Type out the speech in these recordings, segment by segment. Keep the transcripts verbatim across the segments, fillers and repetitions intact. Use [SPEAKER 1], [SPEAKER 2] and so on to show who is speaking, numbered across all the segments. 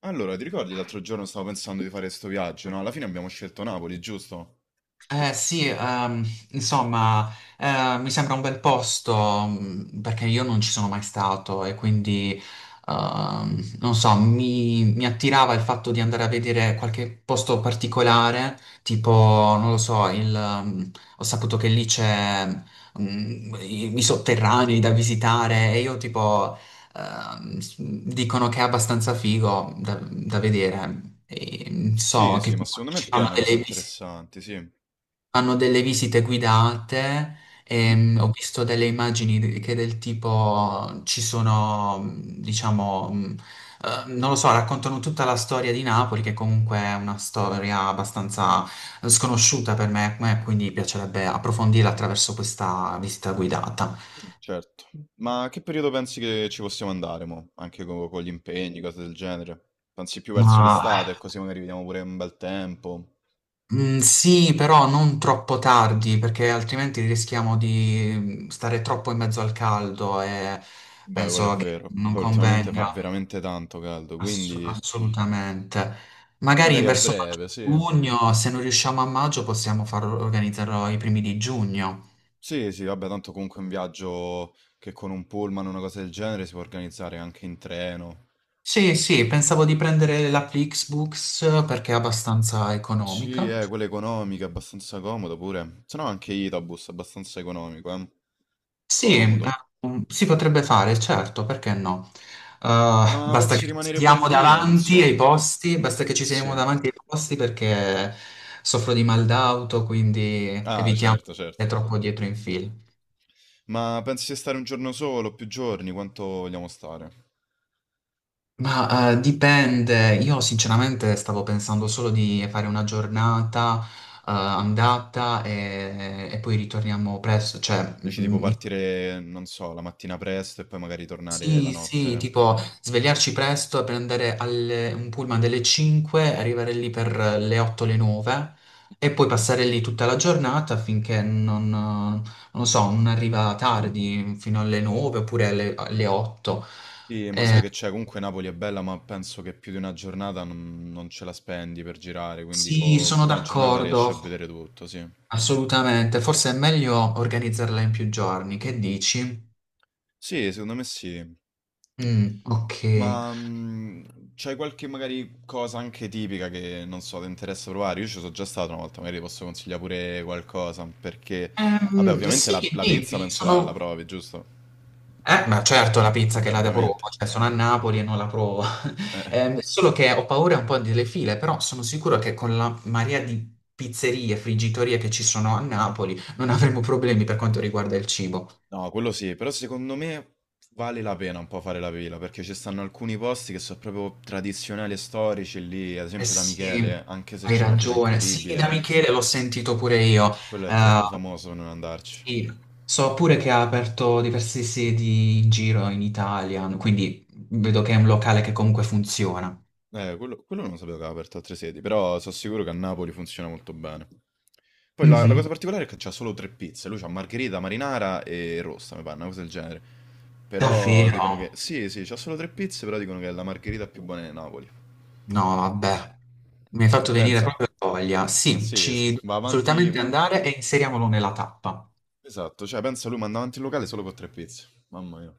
[SPEAKER 1] Allora, ti ricordi, l'altro giorno stavo pensando di fare questo viaggio, no? Alla fine abbiamo scelto Napoli, giusto?
[SPEAKER 2] Eh, sì, ehm, insomma, eh, mi sembra un bel posto mh, perché io non ci sono mai stato e quindi, ehm, non so, mi, mi attirava il fatto di andare a vedere qualche posto particolare, tipo, non lo so, il, ehm, ho saputo che lì c'è mh, i, i sotterranei da visitare e io tipo, ehm, s- dicono che è abbastanza figo da, da vedere. E
[SPEAKER 1] Sì,
[SPEAKER 2] so
[SPEAKER 1] sì,
[SPEAKER 2] che
[SPEAKER 1] ma
[SPEAKER 2] tipo,
[SPEAKER 1] secondo me è
[SPEAKER 2] ci fanno
[SPEAKER 1] piena cose
[SPEAKER 2] delle visite.
[SPEAKER 1] interessanti, sì.
[SPEAKER 2] Hanno delle visite guidate,
[SPEAKER 1] Mhm.
[SPEAKER 2] ehm, ho Mm. visto delle immagini de- che del tipo ci sono, mh, diciamo, mh, eh, non lo so, raccontano tutta la storia di Napoli, che comunque è una storia abbastanza sconosciuta per me, eh, quindi piacerebbe approfondirla attraverso questa visita guidata.
[SPEAKER 1] Certo. Ma che periodo pensi che ci possiamo andare, mo? Anche co- con, gli impegni, cose del genere? Pensi più verso
[SPEAKER 2] Ma
[SPEAKER 1] l'estate, così magari vediamo pure un bel tempo.
[SPEAKER 2] mm, sì, però non troppo tardi, perché altrimenti rischiamo di mm, stare troppo in mezzo al caldo e
[SPEAKER 1] Beh, quello è
[SPEAKER 2] penso che
[SPEAKER 1] vero.
[SPEAKER 2] non
[SPEAKER 1] Poi ultimamente fa
[SPEAKER 2] convenga.
[SPEAKER 1] veramente tanto caldo,
[SPEAKER 2] Ass-
[SPEAKER 1] quindi
[SPEAKER 2] assolutamente. Magari
[SPEAKER 1] magari a
[SPEAKER 2] verso
[SPEAKER 1] breve, sì.
[SPEAKER 2] maggio-giugno, se non riusciamo a maggio, possiamo far organizzarlo ai primi di giugno.
[SPEAKER 1] Sì, sì, vabbè, tanto comunque un viaggio che con un pullman o una cosa del genere si può organizzare anche in treno.
[SPEAKER 2] Sì, sì, pensavo di prendere la Flixbooks perché è abbastanza
[SPEAKER 1] Sì,
[SPEAKER 2] economica.
[SPEAKER 1] eh, quella economica, abbastanza comodo pure. Se no anche Itabus, abbastanza economico, eh.
[SPEAKER 2] Sì, eh,
[SPEAKER 1] Comodo.
[SPEAKER 2] um, si potrebbe fare, certo, perché no? Eh,
[SPEAKER 1] Ma
[SPEAKER 2] basta
[SPEAKER 1] pensi di
[SPEAKER 2] che ci
[SPEAKER 1] rimanere pure
[SPEAKER 2] siamo
[SPEAKER 1] lì? Eh, Non
[SPEAKER 2] davanti ai
[SPEAKER 1] so.
[SPEAKER 2] posti, basta che ci siamo
[SPEAKER 1] Sì.
[SPEAKER 2] davanti ai posti perché soffro di mal d'auto, quindi
[SPEAKER 1] Ah,
[SPEAKER 2] evitiamo di
[SPEAKER 1] certo, certo.
[SPEAKER 2] stare troppo dietro in fila.
[SPEAKER 1] Ma pensi di stare un giorno solo, più giorni? Quanto vogliamo stare?
[SPEAKER 2] Ma eh, dipende, io sinceramente stavo pensando solo di fare una giornata eh, andata e, e poi ritorniamo presto, cioè
[SPEAKER 1] Dici tipo
[SPEAKER 2] mm,
[SPEAKER 1] partire, non so, la mattina presto e poi magari tornare la
[SPEAKER 2] sì, sì,
[SPEAKER 1] notte.
[SPEAKER 2] tipo svegliarci presto e prendere alle- un pullman delle cinque, arrivare lì per le otto, le nove e poi passare lì tutta la giornata finché non, non lo so, non arriva tardi fino alle nove oppure alle, alle otto.
[SPEAKER 1] Sì, ma sai
[SPEAKER 2] Eh,
[SPEAKER 1] che c'è, comunque Napoli è bella, ma penso che più di una giornata non, non ce la spendi per girare, quindi
[SPEAKER 2] sì,
[SPEAKER 1] co-
[SPEAKER 2] sono
[SPEAKER 1] con una giornata riesci a
[SPEAKER 2] d'accordo.
[SPEAKER 1] vedere tutto, sì.
[SPEAKER 2] Assolutamente, forse è meglio organizzarla in più giorni, che dici?
[SPEAKER 1] Sì, secondo me sì.
[SPEAKER 2] Mm, ok.
[SPEAKER 1] Ma mh, c'hai qualche magari cosa anche tipica che non so, ti interessa provare? Io ci sono già stato una volta, magari ti posso consigliare pure qualcosa, perché vabbè,
[SPEAKER 2] Ehm,
[SPEAKER 1] ovviamente
[SPEAKER 2] sì,
[SPEAKER 1] la, la pizza
[SPEAKER 2] dimmi,
[SPEAKER 1] penso la, la
[SPEAKER 2] sono...
[SPEAKER 1] provi, giusto?
[SPEAKER 2] Eh, ma certo la pizza che
[SPEAKER 1] Vabbè,
[SPEAKER 2] la provo,
[SPEAKER 1] ovviamente.
[SPEAKER 2] cioè sono a Napoli e non la provo.
[SPEAKER 1] Eh.
[SPEAKER 2] Ehm, solo che ho paura un po' delle file, però sono sicuro che con la marea di pizzerie, friggitorie che ci sono a Napoli non avremo problemi per quanto riguarda il cibo.
[SPEAKER 1] No, quello sì, però secondo me vale la pena un po' fare la pila, perché ci stanno alcuni posti che sono proprio tradizionali e storici lì, ad
[SPEAKER 2] Eh
[SPEAKER 1] esempio da
[SPEAKER 2] sì,
[SPEAKER 1] Michele, anche se
[SPEAKER 2] hai
[SPEAKER 1] c'è una fila
[SPEAKER 2] ragione. Sì, da
[SPEAKER 1] incredibile,
[SPEAKER 2] Michele l'ho sentito pure io.
[SPEAKER 1] quello è
[SPEAKER 2] Ehm,
[SPEAKER 1] troppo famoso per non andarci.
[SPEAKER 2] Sì, so pure che ha aperto diverse sedi in giro in Italia, quindi vedo che è un locale che comunque funziona.
[SPEAKER 1] Eh, quello, quello non sapevo che aveva aperto altre sedi, però sono sicuro che a Napoli funziona molto bene. Poi la, la
[SPEAKER 2] Mhm.
[SPEAKER 1] cosa particolare è che c'ha solo tre pizze, lui c'ha margherita, marinara e rossa, mi pare, una cosa del genere. Però
[SPEAKER 2] Davvero?
[SPEAKER 1] dicono che, sì, sì, c'ha solo tre pizze, però dicono che è la margherita più buona di Napoli.
[SPEAKER 2] No, vabbè, mi hai
[SPEAKER 1] E
[SPEAKER 2] fatto venire
[SPEAKER 1] pensa,
[SPEAKER 2] proprio voglia. Sì,
[SPEAKER 1] sì, sì,
[SPEAKER 2] ci dobbiamo
[SPEAKER 1] va avanti
[SPEAKER 2] assolutamente
[SPEAKER 1] un...
[SPEAKER 2] andare e inseriamolo nella tappa.
[SPEAKER 1] Esatto, cioè pensa lui manda avanti il locale solo con tre pizze, mamma mia.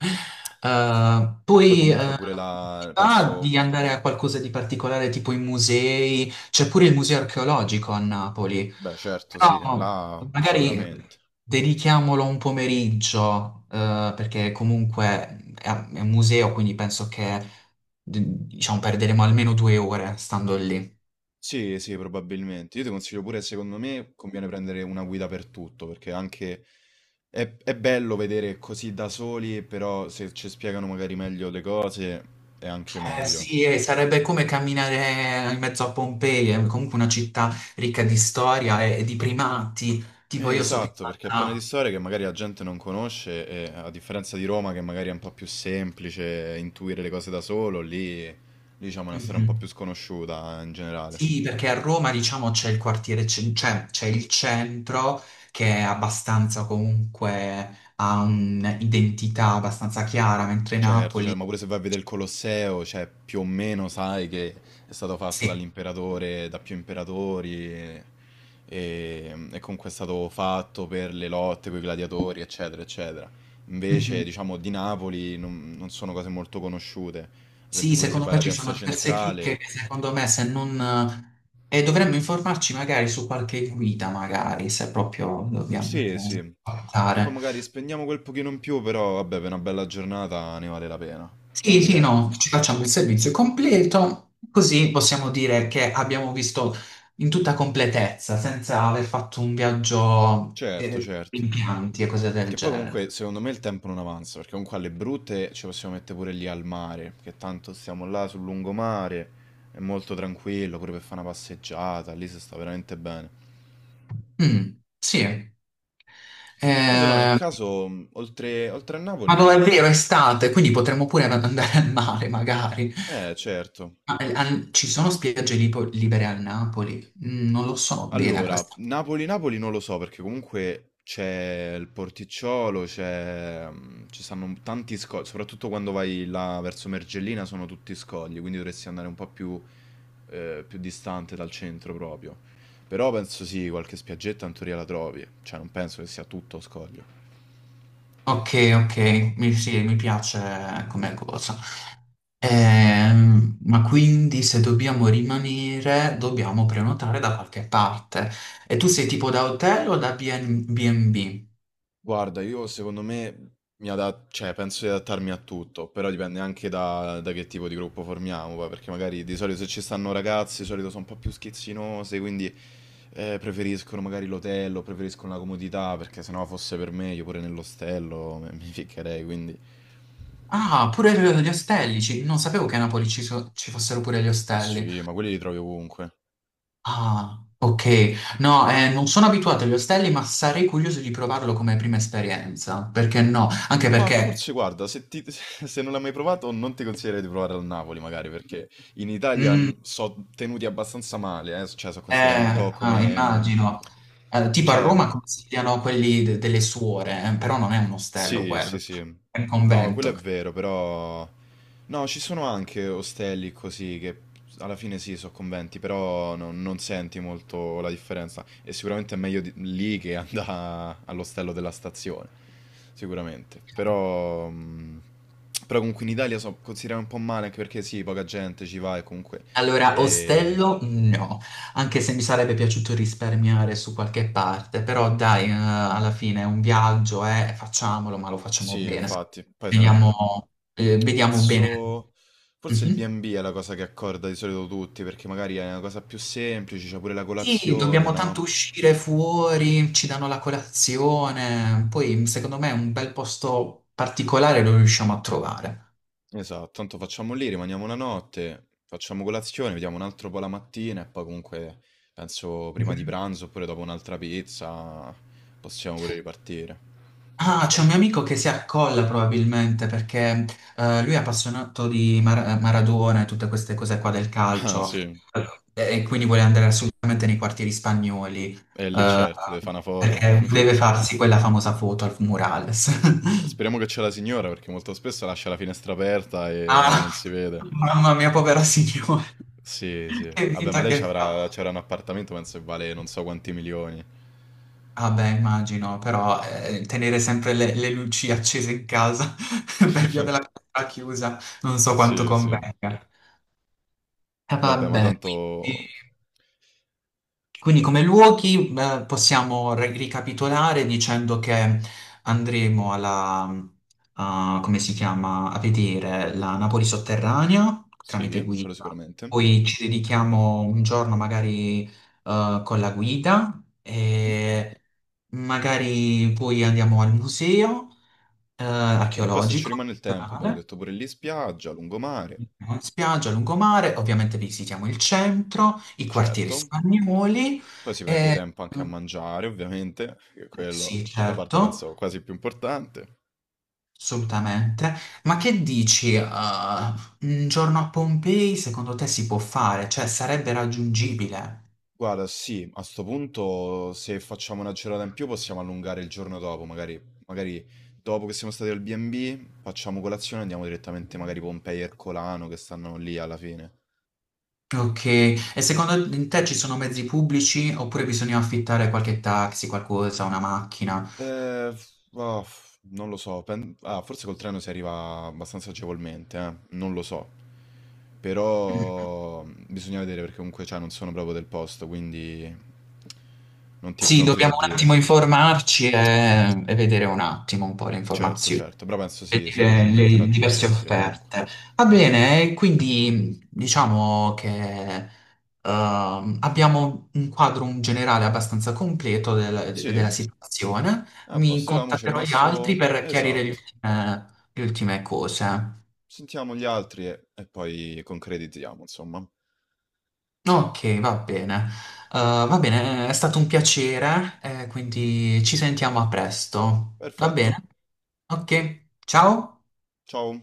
[SPEAKER 2] Eh, poi
[SPEAKER 1] Poi
[SPEAKER 2] sì.
[SPEAKER 1] comunque
[SPEAKER 2] Eh,
[SPEAKER 1] pure
[SPEAKER 2] ti
[SPEAKER 1] la...
[SPEAKER 2] va
[SPEAKER 1] penso,
[SPEAKER 2] di andare a qualcosa di particolare tipo i musei, c'è pure il museo archeologico a Napoli,
[SPEAKER 1] beh certo, sì,
[SPEAKER 2] però
[SPEAKER 1] là
[SPEAKER 2] magari
[SPEAKER 1] sicuramente.
[SPEAKER 2] dedichiamolo un pomeriggio eh, perché comunque è, è un museo, quindi penso che d- diciamo perderemo almeno due ore stando lì.
[SPEAKER 1] Sì, sì, probabilmente. Io ti consiglio pure, secondo me, conviene prendere una guida per tutto, perché anche... È, è bello vedere così da soli, però se ci spiegano magari meglio le cose è anche
[SPEAKER 2] Eh
[SPEAKER 1] meglio.
[SPEAKER 2] sì, eh, sarebbe come camminare in mezzo a Pompei, è comunque una città ricca di storia e, e di primati. Tipo
[SPEAKER 1] Eh,
[SPEAKER 2] io so che è
[SPEAKER 1] esatto, perché è piena di
[SPEAKER 2] stata...
[SPEAKER 1] storie che magari la gente non conosce e a differenza di Roma che magari è un po' più semplice intuire le cose da solo, lì, lì diciamo è una storia un po' più
[SPEAKER 2] Mhm.
[SPEAKER 1] sconosciuta eh, in generale.
[SPEAKER 2] Sì, perché a Roma diciamo c'è il quartiere, cen- cioè c'è il centro che è abbastanza comunque ha un'identità abbastanza chiara, mentre
[SPEAKER 1] Certo, cioè,
[SPEAKER 2] Napoli...
[SPEAKER 1] ma pure se vai a vedere il Colosseo, cioè, più o meno sai che è stato fatto dall'imperatore, da più imperatori, e, e- e comunque è stato fatto per le lotte, con i gladiatori, eccetera, eccetera. Invece,
[SPEAKER 2] Sì.
[SPEAKER 1] diciamo, di Napoli non, non sono cose molto conosciute. Ad esempio,
[SPEAKER 2] Sì,
[SPEAKER 1] pure se
[SPEAKER 2] secondo
[SPEAKER 1] vai
[SPEAKER 2] me
[SPEAKER 1] alla
[SPEAKER 2] ci
[SPEAKER 1] piazza
[SPEAKER 2] sono diverse chicche
[SPEAKER 1] centrale,
[SPEAKER 2] che secondo me se non... eh, E dovremmo informarci magari su qualche guida, magari, se proprio dobbiamo
[SPEAKER 1] sì, sì, che poi
[SPEAKER 2] guardare.
[SPEAKER 1] magari spendiamo quel pochino in più, però vabbè, per una bella giornata ne vale la pena,
[SPEAKER 2] Sì, sì,
[SPEAKER 1] direi.
[SPEAKER 2] no, ci facciamo il servizio completo, così possiamo dire che abbiamo visto in tutta completezza, senza aver fatto un viaggio
[SPEAKER 1] Certo,
[SPEAKER 2] eh,
[SPEAKER 1] certo.
[SPEAKER 2] in pianti e cose del
[SPEAKER 1] Che poi comunque
[SPEAKER 2] genere.
[SPEAKER 1] secondo me il tempo non avanza, perché comunque alle brutte ci possiamo mettere pure lì al mare, che tanto stiamo là sul lungomare, è molto tranquillo, pure per fare una passeggiata, lì si sta veramente bene.
[SPEAKER 2] Mm, sì.
[SPEAKER 1] Poi se no, in
[SPEAKER 2] Eh,
[SPEAKER 1] caso, mh, oltre, oltre a
[SPEAKER 2] ma
[SPEAKER 1] Napoli,
[SPEAKER 2] dove è vero, è estate, quindi potremmo pure andare al mare, magari.
[SPEAKER 1] eh certo.
[SPEAKER 2] Ma, eh, an- ci sono spiagge lipo- libere a Napoli? Mm, Non lo so bene
[SPEAKER 1] Allora,
[SPEAKER 2] questa.
[SPEAKER 1] Napoli-Napoli non lo so perché comunque c'è il Porticciolo, c'è, mm, ci stanno tanti scogli, soprattutto quando vai là verso Mergellina sono tutti scogli, quindi dovresti andare un po' più, eh, più distante dal centro proprio. Però penso sì, qualche spiaggetta in teoria la trovi, cioè non penso che sia tutto scoglio.
[SPEAKER 2] Ok, ok, mi, sì, mi piace come cosa. Ehm, ma quindi se dobbiamo rimanere, dobbiamo prenotare da qualche parte. E tu sei tipo da hotel o da BN- bi e bi?
[SPEAKER 1] Guarda, io secondo me mi ada cioè penso di adattarmi a tutto, però dipende anche da, da che tipo di gruppo formiamo, poi, perché magari di solito se ci stanno ragazzi, di solito sono un po' più schizzinose, quindi eh, preferiscono magari l'hotel, preferiscono la comodità, perché se no fosse per me, io pure nell'ostello me- mi ficcherei, quindi
[SPEAKER 2] Ah, pure gli ostelli, ci- non sapevo che a Napoli ci, so- ci fossero pure gli ostelli.
[SPEAKER 1] sì, ma quelli li trovi ovunque.
[SPEAKER 2] Ah, ok. No, eh, non sono abituato agli ostelli, ma sarei curioso di provarlo come prima esperienza. Perché no? Anche
[SPEAKER 1] Ma
[SPEAKER 2] perché,
[SPEAKER 1] forse guarda, se, ti- se non l'hai mai provato, non ti consiglierei di provare al Napoli, magari, perché in Italia
[SPEAKER 2] mm,
[SPEAKER 1] sono tenuti abbastanza male, eh, cioè sono considerati un
[SPEAKER 2] eh,
[SPEAKER 1] po'
[SPEAKER 2] ah,
[SPEAKER 1] come... mm,
[SPEAKER 2] immagino, Eh, tipo a
[SPEAKER 1] cioè, un
[SPEAKER 2] Roma
[SPEAKER 1] po'.
[SPEAKER 2] consigliano quelli de- delle suore, eh, però non è un ostello
[SPEAKER 1] Sì, sì,
[SPEAKER 2] quello,
[SPEAKER 1] sì.
[SPEAKER 2] è un
[SPEAKER 1] No, quello è
[SPEAKER 2] convento.
[SPEAKER 1] vero, però... No, ci sono anche ostelli così che alla fine sì, sono conventi, però no- non senti molto la differenza. E sicuramente è meglio di- lì che andare all'ostello della stazione, sicuramente. Però... mm, però comunque in Italia so considerare un po' male, anche perché sì, poca gente ci va e comunque...
[SPEAKER 2] Allora,
[SPEAKER 1] E...
[SPEAKER 2] ostello no, anche se mi sarebbe piaciuto risparmiare su qualche parte, però dai, eh, alla fine è un viaggio, eh, facciamolo, ma lo facciamo
[SPEAKER 1] Sì,
[SPEAKER 2] bene.
[SPEAKER 1] infatti, poi se ne-
[SPEAKER 2] Vediamo, eh, vediamo bene.
[SPEAKER 1] penso forse il
[SPEAKER 2] Mhm.
[SPEAKER 1] B e B è la cosa che accorda di solito tutti, perché magari è una cosa più semplice, c'è pure la
[SPEAKER 2] Sì,
[SPEAKER 1] colazione,
[SPEAKER 2] dobbiamo tanto
[SPEAKER 1] no?
[SPEAKER 2] uscire fuori, ci danno la colazione, poi secondo me un bel posto particolare lo riusciamo a trovare.
[SPEAKER 1] Esatto, tanto facciamo lì, rimaniamo una notte, facciamo colazione, vediamo un altro po' la mattina e poi comunque penso prima di pranzo oppure dopo un'altra pizza possiamo pure ripartire.
[SPEAKER 2] Ah, c'è un mio amico che si accolla probabilmente perché eh, lui è appassionato di Mar- eh, Maradona e tutte queste cose qua del
[SPEAKER 1] Ah
[SPEAKER 2] calcio.
[SPEAKER 1] sì,
[SPEAKER 2] Allora, e quindi vuole andare assolutamente nei quartieri spagnoli
[SPEAKER 1] è lì
[SPEAKER 2] eh,
[SPEAKER 1] certo, deve fare una foto.
[SPEAKER 2] perché deve farsi quella famosa foto al murales.
[SPEAKER 1] Speriamo che c'è la signora perché molto spesso lascia la finestra aperta e e
[SPEAKER 2] Ah,
[SPEAKER 1] non si vede.
[SPEAKER 2] mamma mia, povera signora,
[SPEAKER 1] Sì, sì.
[SPEAKER 2] che
[SPEAKER 1] Vabbè, ma
[SPEAKER 2] vita
[SPEAKER 1] lei ci
[SPEAKER 2] che fa.
[SPEAKER 1] avrà, c'era un appartamento, penso che vale non so quanti milioni.
[SPEAKER 2] Ah beh, immagino, però eh, tenere sempre le, le luci accese in casa per via della porta chiusa, non so quanto
[SPEAKER 1] Sì, sì.
[SPEAKER 2] convenga. Eh,
[SPEAKER 1] Vabbè, ma
[SPEAKER 2] vabbè, quindi,
[SPEAKER 1] tanto...
[SPEAKER 2] quindi come luoghi eh, possiamo ri- ricapitolare dicendo che andremo alla, a- come si chiama, a vedere la Napoli sotterranea tramite
[SPEAKER 1] Sì, quello
[SPEAKER 2] guida,
[SPEAKER 1] sicuramente.
[SPEAKER 2] poi ci dedichiamo un giorno magari eh, con la guida
[SPEAKER 1] Mm.
[SPEAKER 2] e magari poi andiamo al museo eh,
[SPEAKER 1] E poi se ci
[SPEAKER 2] archeologico.
[SPEAKER 1] rimane il tempo, abbiamo detto pure lì spiaggia, lungomare,
[SPEAKER 2] Spiaggia, lungomare, ovviamente visitiamo il centro, i quartieri
[SPEAKER 1] certo.
[SPEAKER 2] spagnoli.
[SPEAKER 1] Poi si perde
[SPEAKER 2] e-
[SPEAKER 1] tempo anche a
[SPEAKER 2] eh,
[SPEAKER 1] mangiare, ovviamente, che quello
[SPEAKER 2] Sì,
[SPEAKER 1] è la parte
[SPEAKER 2] certo,
[SPEAKER 1] penso quasi più importante.
[SPEAKER 2] assolutamente. Ma che dici, eh, un giorno a Pompei secondo te si può fare? Cioè, sarebbe raggiungibile?
[SPEAKER 1] Guarda, sì, a sto punto se facciamo una giornata in più possiamo allungare il giorno dopo, magari, magari dopo che siamo stati al B e B facciamo colazione e andiamo direttamente magari Pompei e Ercolano che stanno lì alla fine.
[SPEAKER 2] Ok, e secondo te ci sono mezzi pubblici oppure bisogna affittare qualche taxi, qualcosa, una macchina?
[SPEAKER 1] Eh, ah, non lo so, pen- ah, forse col treno si arriva abbastanza agevolmente, eh, non lo so, però mm, bisogna vedere perché comunque cioè, non sono proprio del posto, quindi non ti,
[SPEAKER 2] Sì,
[SPEAKER 1] non ti so
[SPEAKER 2] dobbiamo un
[SPEAKER 1] dire.
[SPEAKER 2] attimo informarci e, e vedere un attimo un po' le
[SPEAKER 1] Certo,
[SPEAKER 2] informazioni.
[SPEAKER 1] certo, però penso
[SPEAKER 2] E
[SPEAKER 1] sì, sia
[SPEAKER 2] dire le
[SPEAKER 1] facilmente
[SPEAKER 2] diverse
[SPEAKER 1] raggiungibile comunque.
[SPEAKER 2] offerte. Va bene, e quindi diciamo che ehm, abbiamo un quadro in generale abbastanza completo del- della
[SPEAKER 1] Sì?
[SPEAKER 2] situazione.
[SPEAKER 1] A
[SPEAKER 2] Mi
[SPEAKER 1] posto, l'amo ci è
[SPEAKER 2] contatterò gli altri
[SPEAKER 1] rimasto...
[SPEAKER 2] per chiarire le
[SPEAKER 1] Esatto.
[SPEAKER 2] ultime, le ultime cose.
[SPEAKER 1] Sentiamo gli altri e, e poi concretizziamo, insomma.
[SPEAKER 2] Ok, va bene. Eh, va bene, è stato un piacere, eh, quindi ci sentiamo a presto. Va
[SPEAKER 1] Perfetto.
[SPEAKER 2] bene? Ok, ciao.
[SPEAKER 1] Ciao.